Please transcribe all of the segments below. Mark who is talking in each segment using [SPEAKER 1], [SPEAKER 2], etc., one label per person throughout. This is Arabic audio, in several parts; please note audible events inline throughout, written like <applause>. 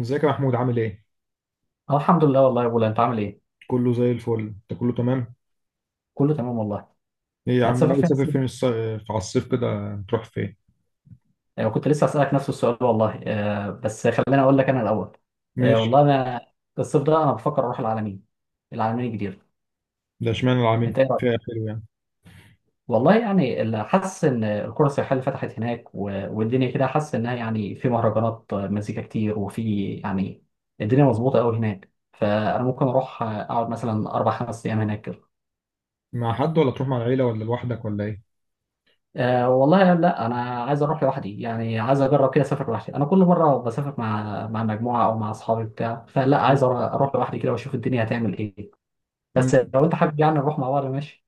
[SPEAKER 1] ازيك يا محمود عامل ايه؟
[SPEAKER 2] اه الحمد لله والله يا بولا، انت عامل ايه؟
[SPEAKER 1] كله زي الفل، انت كله تمام؟
[SPEAKER 2] كله تمام والله.
[SPEAKER 1] ايه يا عم
[SPEAKER 2] هتسافر
[SPEAKER 1] ناوي
[SPEAKER 2] فين
[SPEAKER 1] تسافر
[SPEAKER 2] الصيف؟
[SPEAKER 1] فين في على الصيف كده تروح فين؟
[SPEAKER 2] كنت لسه هسألك نفس السؤال والله، بس خليني اقول لك انا الاول.
[SPEAKER 1] ماشي،
[SPEAKER 2] والله انا الصيف ده انا بفكر اروح العلمين، العلمين الجديدة.
[SPEAKER 1] ده اشمعنى العامين
[SPEAKER 2] انت ايه رايك؟
[SPEAKER 1] فيها حلو يعني،
[SPEAKER 2] والله يعني اللي حاسس ان القرى السياحية اللي فتحت هناك والدنيا كده، حاسس انها يعني في مهرجانات، مزيكا كتير، وفي يعني الدنيا مظبوطة قوي هناك، فانا ممكن اروح، اقعد مثلا اربع خمس ايام هناك.
[SPEAKER 1] مع حد ولا تروح مع العيلة ولا لوحدك ولا ايه؟
[SPEAKER 2] أه والله لا، انا عايز اروح لوحدي، يعني عايز اجرب كده اسافر لوحدي. انا كل مره بسافر مع مجموعه او مع اصحابي بتاع، فلا عايز
[SPEAKER 1] مم.
[SPEAKER 2] اروح لوحدي كده واشوف الدنيا هتعمل ايه. بس
[SPEAKER 1] مم.
[SPEAKER 2] لو انت حابب، يعني نروح مع بعض ماشي.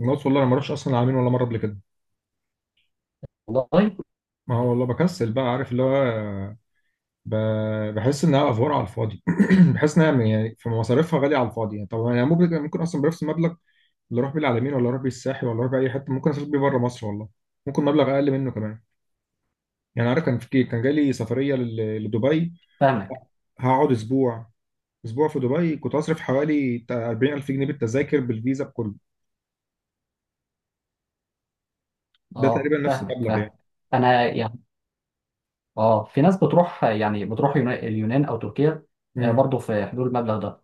[SPEAKER 1] الناس والله انا ما اروحش اصلا العامين ولا مرة قبل كده،
[SPEAKER 2] والله
[SPEAKER 1] ما هو والله بكسل بقى عارف اللي هو ب... بحس انها افوار على الفاضي، <clears throat> بحس انها يعني في مصاريفها غالية على الفاضي يعني، طب انا ممكن اصلا بنفس المبلغ اللي اروح بيه العلمين ولا اروح بيه الساحل ولا اروح بيه اي حته ممكن اسافر بيه بره مصر والله، ممكن مبلغ اقل منه كمان. يعني عارف كان في كان جالي سفريه لدبي.
[SPEAKER 2] فاهمك.
[SPEAKER 1] هقعد اسبوع في دبي كنت هصرف حوالي بتاع 40000 جنيه بالتذاكر بالفيزا بكله. ده
[SPEAKER 2] اه
[SPEAKER 1] تقريبا نفس
[SPEAKER 2] فاهمك
[SPEAKER 1] المبلغ
[SPEAKER 2] فاهم.
[SPEAKER 1] يعني.
[SPEAKER 2] انا يعني اه في ناس بتروح، يعني بتروح اليونان او تركيا،
[SPEAKER 1] امم.
[SPEAKER 2] برضه في حدود المبلغ ده.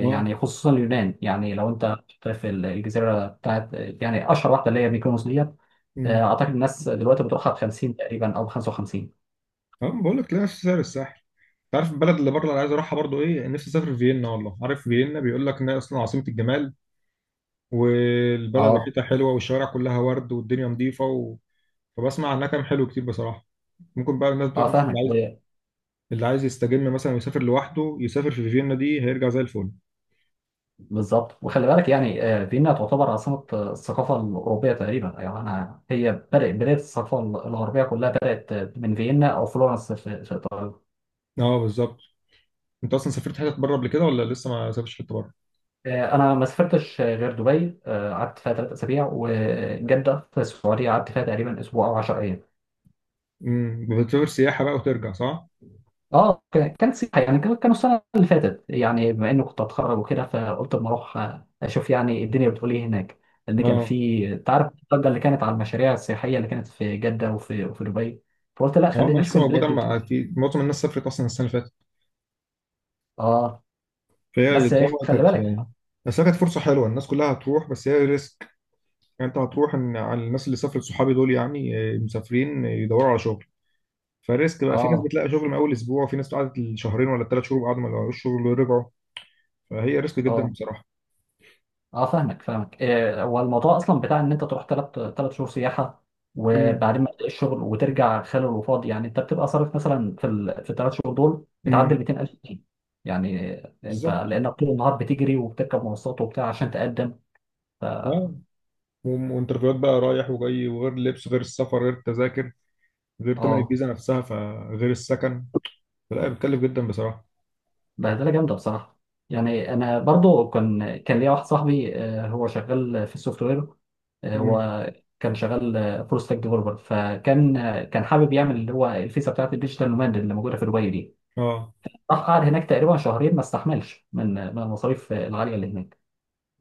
[SPEAKER 1] اه.
[SPEAKER 2] خصوصا اليونان، يعني لو انت في الجزيره بتاعت يعني اشهر واحده اللي هي ميكونوس دي،
[SPEAKER 1] امم.
[SPEAKER 2] اعتقد الناس دلوقتي بتروحها ب 50 تقريبا او ب 55.
[SPEAKER 1] اه، بقول لك تلاقي نفس سعر الساحل. انت عارف البلد اللي بره اللي عايز اروحها برضو ايه؟ نفسي اسافر فيينا والله، عارف فيينا بيقول لك انها اصلا عاصمه الجمال، والبلد
[SPEAKER 2] اه
[SPEAKER 1] ريحتها حلوه والشوارع كلها ورد والدنيا نظيفه فبسمع عنها كلام حلو كتير بصراحه. ممكن بقى الناس بتقول
[SPEAKER 2] اه
[SPEAKER 1] لك مثلا اللي
[SPEAKER 2] فاهمك
[SPEAKER 1] عايز اللي عايز يستجم مثلا ويسافر لوحده يسافر في فيينا دي هيرجع زي الفل.
[SPEAKER 2] بالظبط. وخلي بالك يعني، فيينا تعتبر عاصمه، الثقافه الاوروبيه تقريبا، يعني انا هي بدات بدايه الثقافه الغربيه كلها، بدات من فيينا او فلورنس في ايطاليا.
[SPEAKER 1] اه، بالظبط. انت اصلا سافرت حتت بره قبل كده ولا لسه ما سافرتش حته بره؟
[SPEAKER 2] انا ما سافرتش غير دبي، قعدت فيها ثلاث اسابيع، وجده في السعوديه قعدت فيها تقريبا اسبوع او 10 ايام.
[SPEAKER 1] امم. بتسافر سياحه بقى وترجع صح؟
[SPEAKER 2] اه كانت سياحه، يعني كانوا السنه اللي فاتت. يعني بما اني كنت اتخرج وكده، فقلت اما اروح اشوف يعني الدنيا بتقول ايه هناك، لان كان
[SPEAKER 1] اه.
[SPEAKER 2] في، انت عارف، الضجه اللي كانت على المشاريع السياحيه اللي كانت في جده وفي دبي، فقلت لا
[SPEAKER 1] اه، ما
[SPEAKER 2] خلينا اشوف
[SPEAKER 1] لسه موجوده
[SPEAKER 2] البلاد دي بتقول
[SPEAKER 1] اما
[SPEAKER 2] ايه.
[SPEAKER 1] في معظم الناس سافرت اصلا السنه اللي فاتت.
[SPEAKER 2] اه
[SPEAKER 1] فهي
[SPEAKER 2] بس إيه،
[SPEAKER 1] بصراحه
[SPEAKER 2] خلي
[SPEAKER 1] كانت
[SPEAKER 2] بالك.
[SPEAKER 1] يعني، بس هي كانت فرصه حلوه الناس كلها هتروح بس هي ريسك. يعني انت هتروح ان على الناس اللي سافرت صحابي دول يعني مسافرين يدوروا على شغل. فريسك بقى، في ناس
[SPEAKER 2] اه
[SPEAKER 1] بتلاقي شغل من اول اسبوع وفي ناس قعدت شهرين ولا ثلاث شهور وقعدوا ما لقوش شغل ورجعوا. فهي ريسك جدا
[SPEAKER 2] اه
[SPEAKER 1] بصراحه.
[SPEAKER 2] اه فاهمك فاهمك. إيه، هو الموضوع اصلا بتاع ان انت تروح ثلاث شهور سياحه
[SPEAKER 1] امم.
[SPEAKER 2] وبعدين ما تلاقيش شغل وترجع خالي وفاضي. يعني انت بتبقى صارف مثلا في في الثلاث شهور دول بتعدي ال
[SPEAKER 1] امم.
[SPEAKER 2] 200000 جنيه. يعني انت
[SPEAKER 1] بالظبط.
[SPEAKER 2] لانك طول النهار بتجري وبتركب مواصلات وبتاع عشان تقدم.
[SPEAKER 1] اه. وانترفيوهات بقى رايح وجاي، وغير اللبس غير السفر غير التذاكر غير تمن
[SPEAKER 2] اه
[SPEAKER 1] الفيزا نفسها فغير السكن. فلا بتكلف جدا بصراحة.
[SPEAKER 2] بهدله جامده بصراحه. يعني انا برضو كان ليا واحد صاحبي، هو شغال في السوفت وير،
[SPEAKER 1] مم.
[SPEAKER 2] وكان شغال فول ستاك ديفلوبر، فكان كان حابب يعمل اللي هو الفيزا بتاعت الديجيتال نوماد اللي موجوده في دبي دي.
[SPEAKER 1] اه.
[SPEAKER 2] راح قعد هناك تقريبا شهرين ما استحملش من المصاريف العاليه اللي هناك.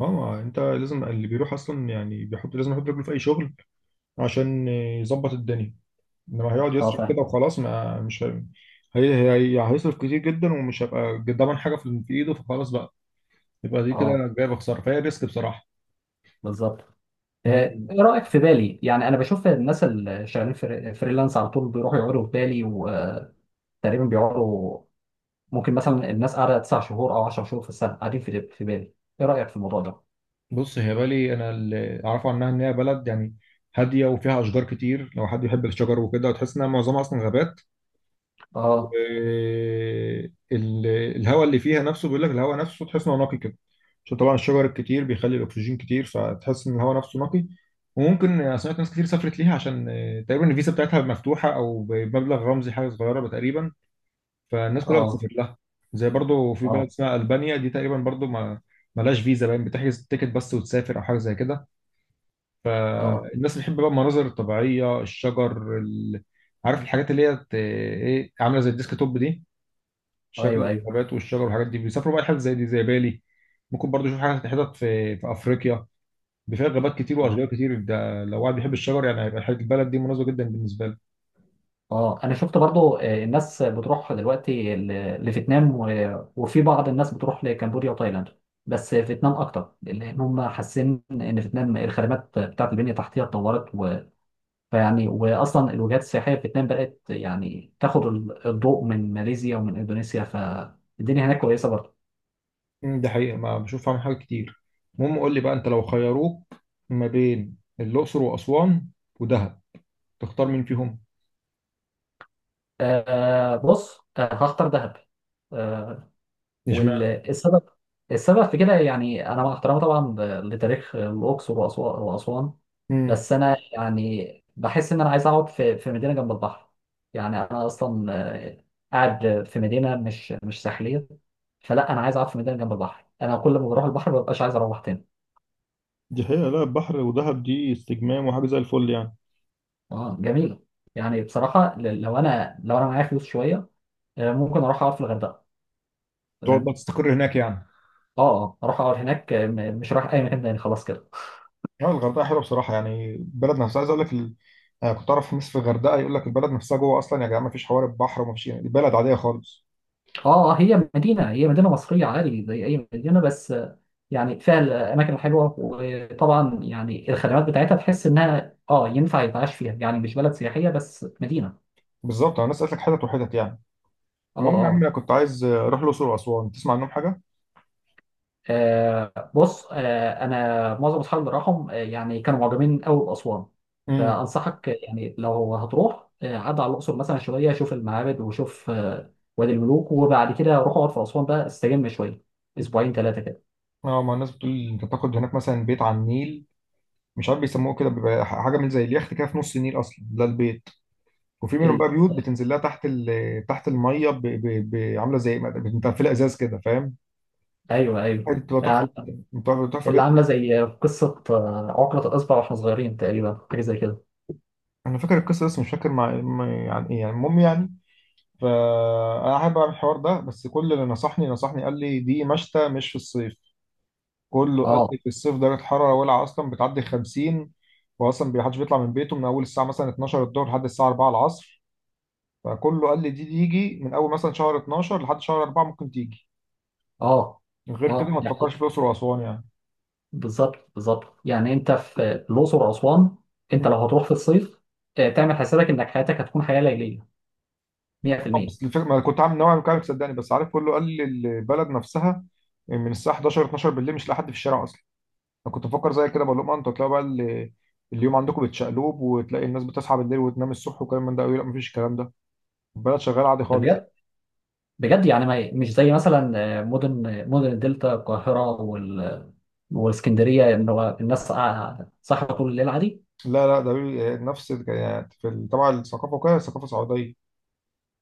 [SPEAKER 1] اه، ما انت لازم اللي بيروح اصلا يعني بيحط لازم يحط رجله في اي شغل عشان يظبط الدنيا. انما هيقعد
[SPEAKER 2] اه
[SPEAKER 1] يصرف
[SPEAKER 2] فاهم.
[SPEAKER 1] كده وخلاص ما مش هي... هيصرف كتير جدا ومش هيبقى ضامن حاجه في ايده فخلاص بقى. يبقى دي
[SPEAKER 2] اه
[SPEAKER 1] كده جايبه خساره فهي ريسك بصراحه.
[SPEAKER 2] بالظبط. آه،
[SPEAKER 1] مم.
[SPEAKER 2] ايه رايك في بالي؟ يعني انا بشوف الناس اللي شغالين فريلانس على طول بيروحوا يقعدوا في بالي، وتقريبا بيقعدوا، ممكن مثلا الناس قاعده تسع شهور او 10 شهور في السنه، قاعدين في بالي. ايه رايك في الموضوع ده؟
[SPEAKER 1] بص هي بالي انا اللي اعرفه عنها ان هي بلد يعني هاديه وفيها اشجار كتير لو حد يحب الشجر وكده، وتحس انها معظمها اصلا غابات.
[SPEAKER 2] اه
[SPEAKER 1] والهواء اللي فيها نفسه بيقول لك الهواء نفسه تحس انه نقي كده، عشان طبعا الشجر الكتير بيخلي الاكسجين كتير فتحس ان الهواء نفسه نقي. وممكن أنا سمعت ناس كتير سافرت ليها عشان تقريبا الفيزا بتاعتها مفتوحه او بمبلغ رمزي حاجه صغيره تقريبا، فالناس كلها
[SPEAKER 2] اه
[SPEAKER 1] بتسافر لها. زي برضو في بلد
[SPEAKER 2] اه
[SPEAKER 1] اسمها البانيا دي تقريبا برضو ما ملهاش فيزا باين، بتحجز التيكت بس وتسافر او حاجه زي كده.
[SPEAKER 2] اه
[SPEAKER 1] الناس بتحب بقى المناظر الطبيعيه الشجر عارف الحاجات اللي هي ايه عامله زي الديسك توب دي،
[SPEAKER 2] ايوه
[SPEAKER 1] شكل
[SPEAKER 2] ايوه.
[SPEAKER 1] الغابات والشجر والحاجات دي بيسافروا بقى حتت زي دي زي بالي. ممكن برضو يشوف حاجات حتت في افريقيا، دي فيها غابات كتير
[SPEAKER 2] اه
[SPEAKER 1] واشجار كتير، ده لو واحد بيحب الشجر يعني هيبقى حاجه البلد دي مناسبه جدا بالنسبه له.
[SPEAKER 2] اه انا شفت برضو، الناس بتروح دلوقتي لفيتنام وفي بعض الناس بتروح لكمبوديا وتايلاند، بس فيتنام اكتر، لان هم حاسين ان فيتنام الخدمات بتاعت البنيه التحتيه اتطورت. و... فيعني واصلا الوجهات السياحيه في فيتنام بدات يعني تاخد الضوء من ماليزيا ومن اندونيسيا، فالدنيا هناك كويسه برضو.
[SPEAKER 1] ده حقيقه ما بشوف فيها حاجات كتير. المهم قول لي بقى انت لو خيروك ما بين الاقصر واسوان ودهب تختار مين فيهم؟
[SPEAKER 2] آه بص، آه هختار دهب. آه،
[SPEAKER 1] اشمعنى؟
[SPEAKER 2] والسبب، السبب في كده، يعني انا مع احترامي طبعا لتاريخ الاقصر واسوان،
[SPEAKER 1] امم.
[SPEAKER 2] بس انا يعني بحس ان انا عايز اقعد في مدينه جنب البحر. يعني انا اصلا، آه، قاعد في مدينه مش ساحليه، فلا انا عايز اقعد في مدينه جنب البحر. انا كل ما بروح البحر ما ببقاش عايز اروح تاني.
[SPEAKER 1] دي حقيقة، لا البحر ودهب دي استجمام وحاجة زي الفل يعني.
[SPEAKER 2] اه جميل. يعني بصراحه لو انا، معايا فلوس شويه، ممكن اروح اقعد في الغردقه،
[SPEAKER 1] تقعد بقى
[SPEAKER 2] تمام.
[SPEAKER 1] تستقر هناك يعني؟
[SPEAKER 2] اه اه اروح اقعد هناك، مش رايح اي مكان تاني خلاص كده.
[SPEAKER 1] اه، الغردقه حلوه بصراحه، يعني البلد نفسها عايز اقول لك انا كنت اعرف ناس في الغردقه يقول لك البلد نفسها جوه اصلا يا جماعه ما فيش حوار البحر وما فيش، البلد عاديه خالص.
[SPEAKER 2] اه هي مدينة مصرية عادي زي أي مدينة، بس يعني فيها الأماكن الحلوة، وطبعا يعني الخدمات بتاعتها تحس إنها اه ينفع يتعاش فيها، يعني مش بلد سياحية بس، مدينة.
[SPEAKER 1] بالظبط، انا سالتك حتت وحتت يعني.
[SPEAKER 2] اه
[SPEAKER 1] المهم يا عم
[SPEAKER 2] اه
[SPEAKER 1] انا كنت عايز اروح الاقصر واسوان، تسمع عنهم حاجه؟
[SPEAKER 2] بص، أنا معظم أصحابي اللي راحوا، يعني كانوا معجبين أوي بأسوان.
[SPEAKER 1] امم.
[SPEAKER 2] فأنصحك يعني لو هتروح، عد على الأقصر مثلا شوية شوف المعابد وشوف، وادي الملوك، وبعد كده روح اقعد في أسوان بقى استجم شوية، أسبوعين ثلاثة كده.
[SPEAKER 1] اه، ما الناس بتقول لي انت تاخد هناك مثلا بيت على النيل، مش عارف بيسموه كده، بيبقى حاجه من زي اليخت كده في نص النيل اصلا ده البيت. وفي منهم بقى
[SPEAKER 2] ال-
[SPEAKER 1] بيوت بتنزل لها تحت تحت الميه، عامله زي متقفله ازاز كده فاهم؟
[SPEAKER 2] أيوه أيوه،
[SPEAKER 1] بتبقى تحفه. بتبقى تحفه.
[SPEAKER 2] اللي عامله زي قصه، عقده الاصبع واحنا صغيرين تقريبا، حاجه زي كده.
[SPEAKER 1] انا فاكر القصه بس مش فاكر يعني ايه يعني المهم يعني. فانا احب اعمل الحوار ده، بس كل اللي نصحني قال لي دي مشتى مش في الصيف. كله قال لي
[SPEAKER 2] اه
[SPEAKER 1] في الصيف درجه الحراره ولعه اصلا بتعدي 50، واصلا ما حدش بيطلع من بيته من اول الساعه مثلا 12 الظهر لحد الساعه 4 العصر. فكله قال لي دي تيجي من اول مثلا شهر 12 لحد شهر 4 ممكن تيجي،
[SPEAKER 2] اه
[SPEAKER 1] غير كده
[SPEAKER 2] اه
[SPEAKER 1] ما
[SPEAKER 2] يعني
[SPEAKER 1] تفكرش في الاقصر واسوان يعني.
[SPEAKER 2] بالظبط بالظبط. يعني انت في الاقصر واسوان، انت لو هتروح في الصيف، تعمل حسابك انك حياتك هتكون حياه ليليه
[SPEAKER 1] طب
[SPEAKER 2] 100%.
[SPEAKER 1] بس الفكره ما كنت عامل نوع من كده صدقني، بس عارف كله قال لي البلد نفسها من الساعه 11 12 بالليل مش لاقي حد في الشارع. انا كنت بفكر زي كده بقول لهم انتوا تلاقوا بقى اليوم عندكم بتشقلوب وتلاقي الناس بتصحى بالليل وتنام الصبح وكلام من ده قوي، لا مفيش الكلام ده، البلد شغاله عادي خالص يعني.
[SPEAKER 2] بجد بجد. يعني ما مش زي مثلا، مدن الدلتا، القاهره والاسكندريه، ان هو الناس قاعدة صاحيه طول الليل عادي.
[SPEAKER 1] لا لا، نفس يعني طبعا الثقافه وكده ثقافه سعوديه،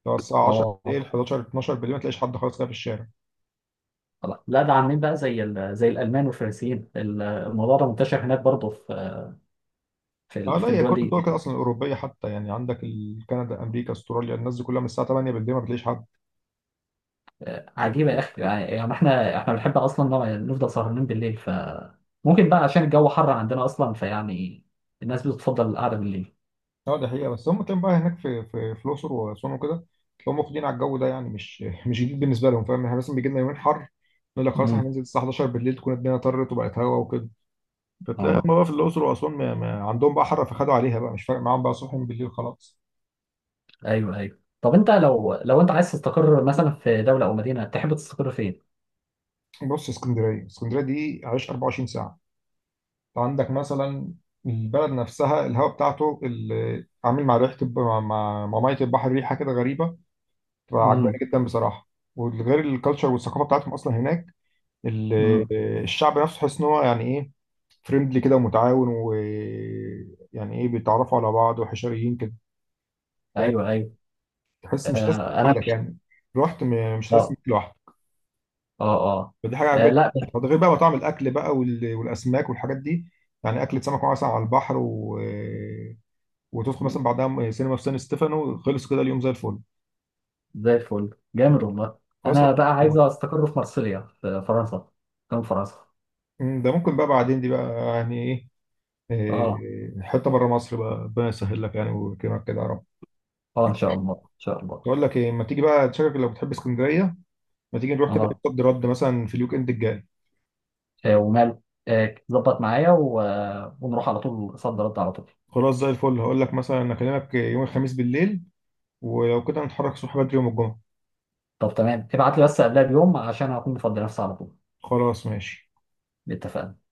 [SPEAKER 1] لو الساعه 10 بالليل
[SPEAKER 2] اه
[SPEAKER 1] 11 12 بالليل ما تلاقيش حد خالص كده في الشارع.
[SPEAKER 2] طبعا. لا ده عاملين بقى زي زي الالمان والفرنسيين، الموضوع ده منتشر هناك برضه في
[SPEAKER 1] اه لا هي
[SPEAKER 2] الدول
[SPEAKER 1] كل الدول
[SPEAKER 2] دي.
[SPEAKER 1] كده اصلا الاوروبيه حتى، يعني عندك كندا امريكا استراليا الناس دي كلها من الساعه 8 بالليل ما بتلاقيش حد.
[SPEAKER 2] عجيبه يا اخي. يعني يعني احنا بنحب اصلا نفضل سهرانين بالليل، فممكن بقى عشان الجو حر عندنا اصلا، فيعني الناس بتفضل القعده بالليل.
[SPEAKER 1] اه دي حقيقة، بس هم كانوا بقى هناك في الأقصر وأسوان وكده، هم واخدين على الجو ده يعني مش جديد بالنسبة لهم فاهم؟ احنا مثلا بيجي لنا يومين حر نقول لك خلاص احنا
[SPEAKER 2] امم
[SPEAKER 1] هننزل الساعة 11 بالليل تكون الدنيا طرت وبقت هوا وكده. فتلاقي
[SPEAKER 2] اه
[SPEAKER 1] هم بقى في الأقصر وأسوان ما عندهم بقى حر فخدوا عليها بقى، مش فارق معاهم بقى صبح من بالليل خلاص.
[SPEAKER 2] ايوه ايوه. طب انت لو لو انت عايز تستقر مثلا في دوله او مدينه، تحب تستقر فين؟
[SPEAKER 1] بص، اسكندرية، اسكندرية دي عايش 24 ساعة. انت عندك مثلا البلد نفسها الهواء بتاعته اللي عامل مع ريحة مع مية البحر، ريحة كده غريبة تبقى عجباني
[SPEAKER 2] امم
[SPEAKER 1] جدا بصراحة. وغير الكالتشر والثقافة بتاعتهم أصلا هناك، ال-
[SPEAKER 2] امم
[SPEAKER 1] الشعب نفسه تحس ان هو يعني ايه فريندلي كده ومتعاون، ويعني ايه بيتعرفوا على بعض وحشريين كده.
[SPEAKER 2] ايوه ايوه
[SPEAKER 1] تحس مش حاسس
[SPEAKER 2] آه انا
[SPEAKER 1] لوحدك يعني، رحت مش حاسس
[SPEAKER 2] اه
[SPEAKER 1] بيك لوحدك.
[SPEAKER 2] اه اه
[SPEAKER 1] فدي حاجه عجباني.
[SPEAKER 2] لا بس
[SPEAKER 1] ده غير بقى مطاعم الاكل بقى والاسماك والحاجات دي، يعني اكله سمك مثلا على البحر وتدخل مثلا بعدها سينما في سان ستيفانو خلص كده اليوم زي الفل.
[SPEAKER 2] زي الفل جامد والله.
[SPEAKER 1] خلاص.
[SPEAKER 2] انا بقى عايز
[SPEAKER 1] إيه.
[SPEAKER 2] استقر في مارسيليا في فرنسا، كان فرنسا.
[SPEAKER 1] ده ممكن بقى بعدين، دي بقى يعني ايه،
[SPEAKER 2] اه
[SPEAKER 1] إيه، حته بره مصر بقى ربنا يسهل لك يعني ويكرمك كده يا رب.
[SPEAKER 2] اه ان شاء الله ان شاء الله.
[SPEAKER 1] بقول لك ايه، ما تيجي بقى شكلك لو بتحب اسكندريه، ما تيجي نروح كده
[SPEAKER 2] اه
[SPEAKER 1] صد رد مثلا في الويك اند الجاي.
[SPEAKER 2] وماله، ظبط معايا، و... آه، ونروح على طول صد رد على طول.
[SPEAKER 1] خلاص زي الفل، هقول لك مثلا اكلمك يوم الخميس بالليل، ولو كده نتحرك الصبح بدري يوم الجمعه.
[SPEAKER 2] طب تمام، ابعت لي بس قبلها بيوم عشان اكون مفضي نفسي على طول.
[SPEAKER 1] خلاص ماشي
[SPEAKER 2] اتفقنا.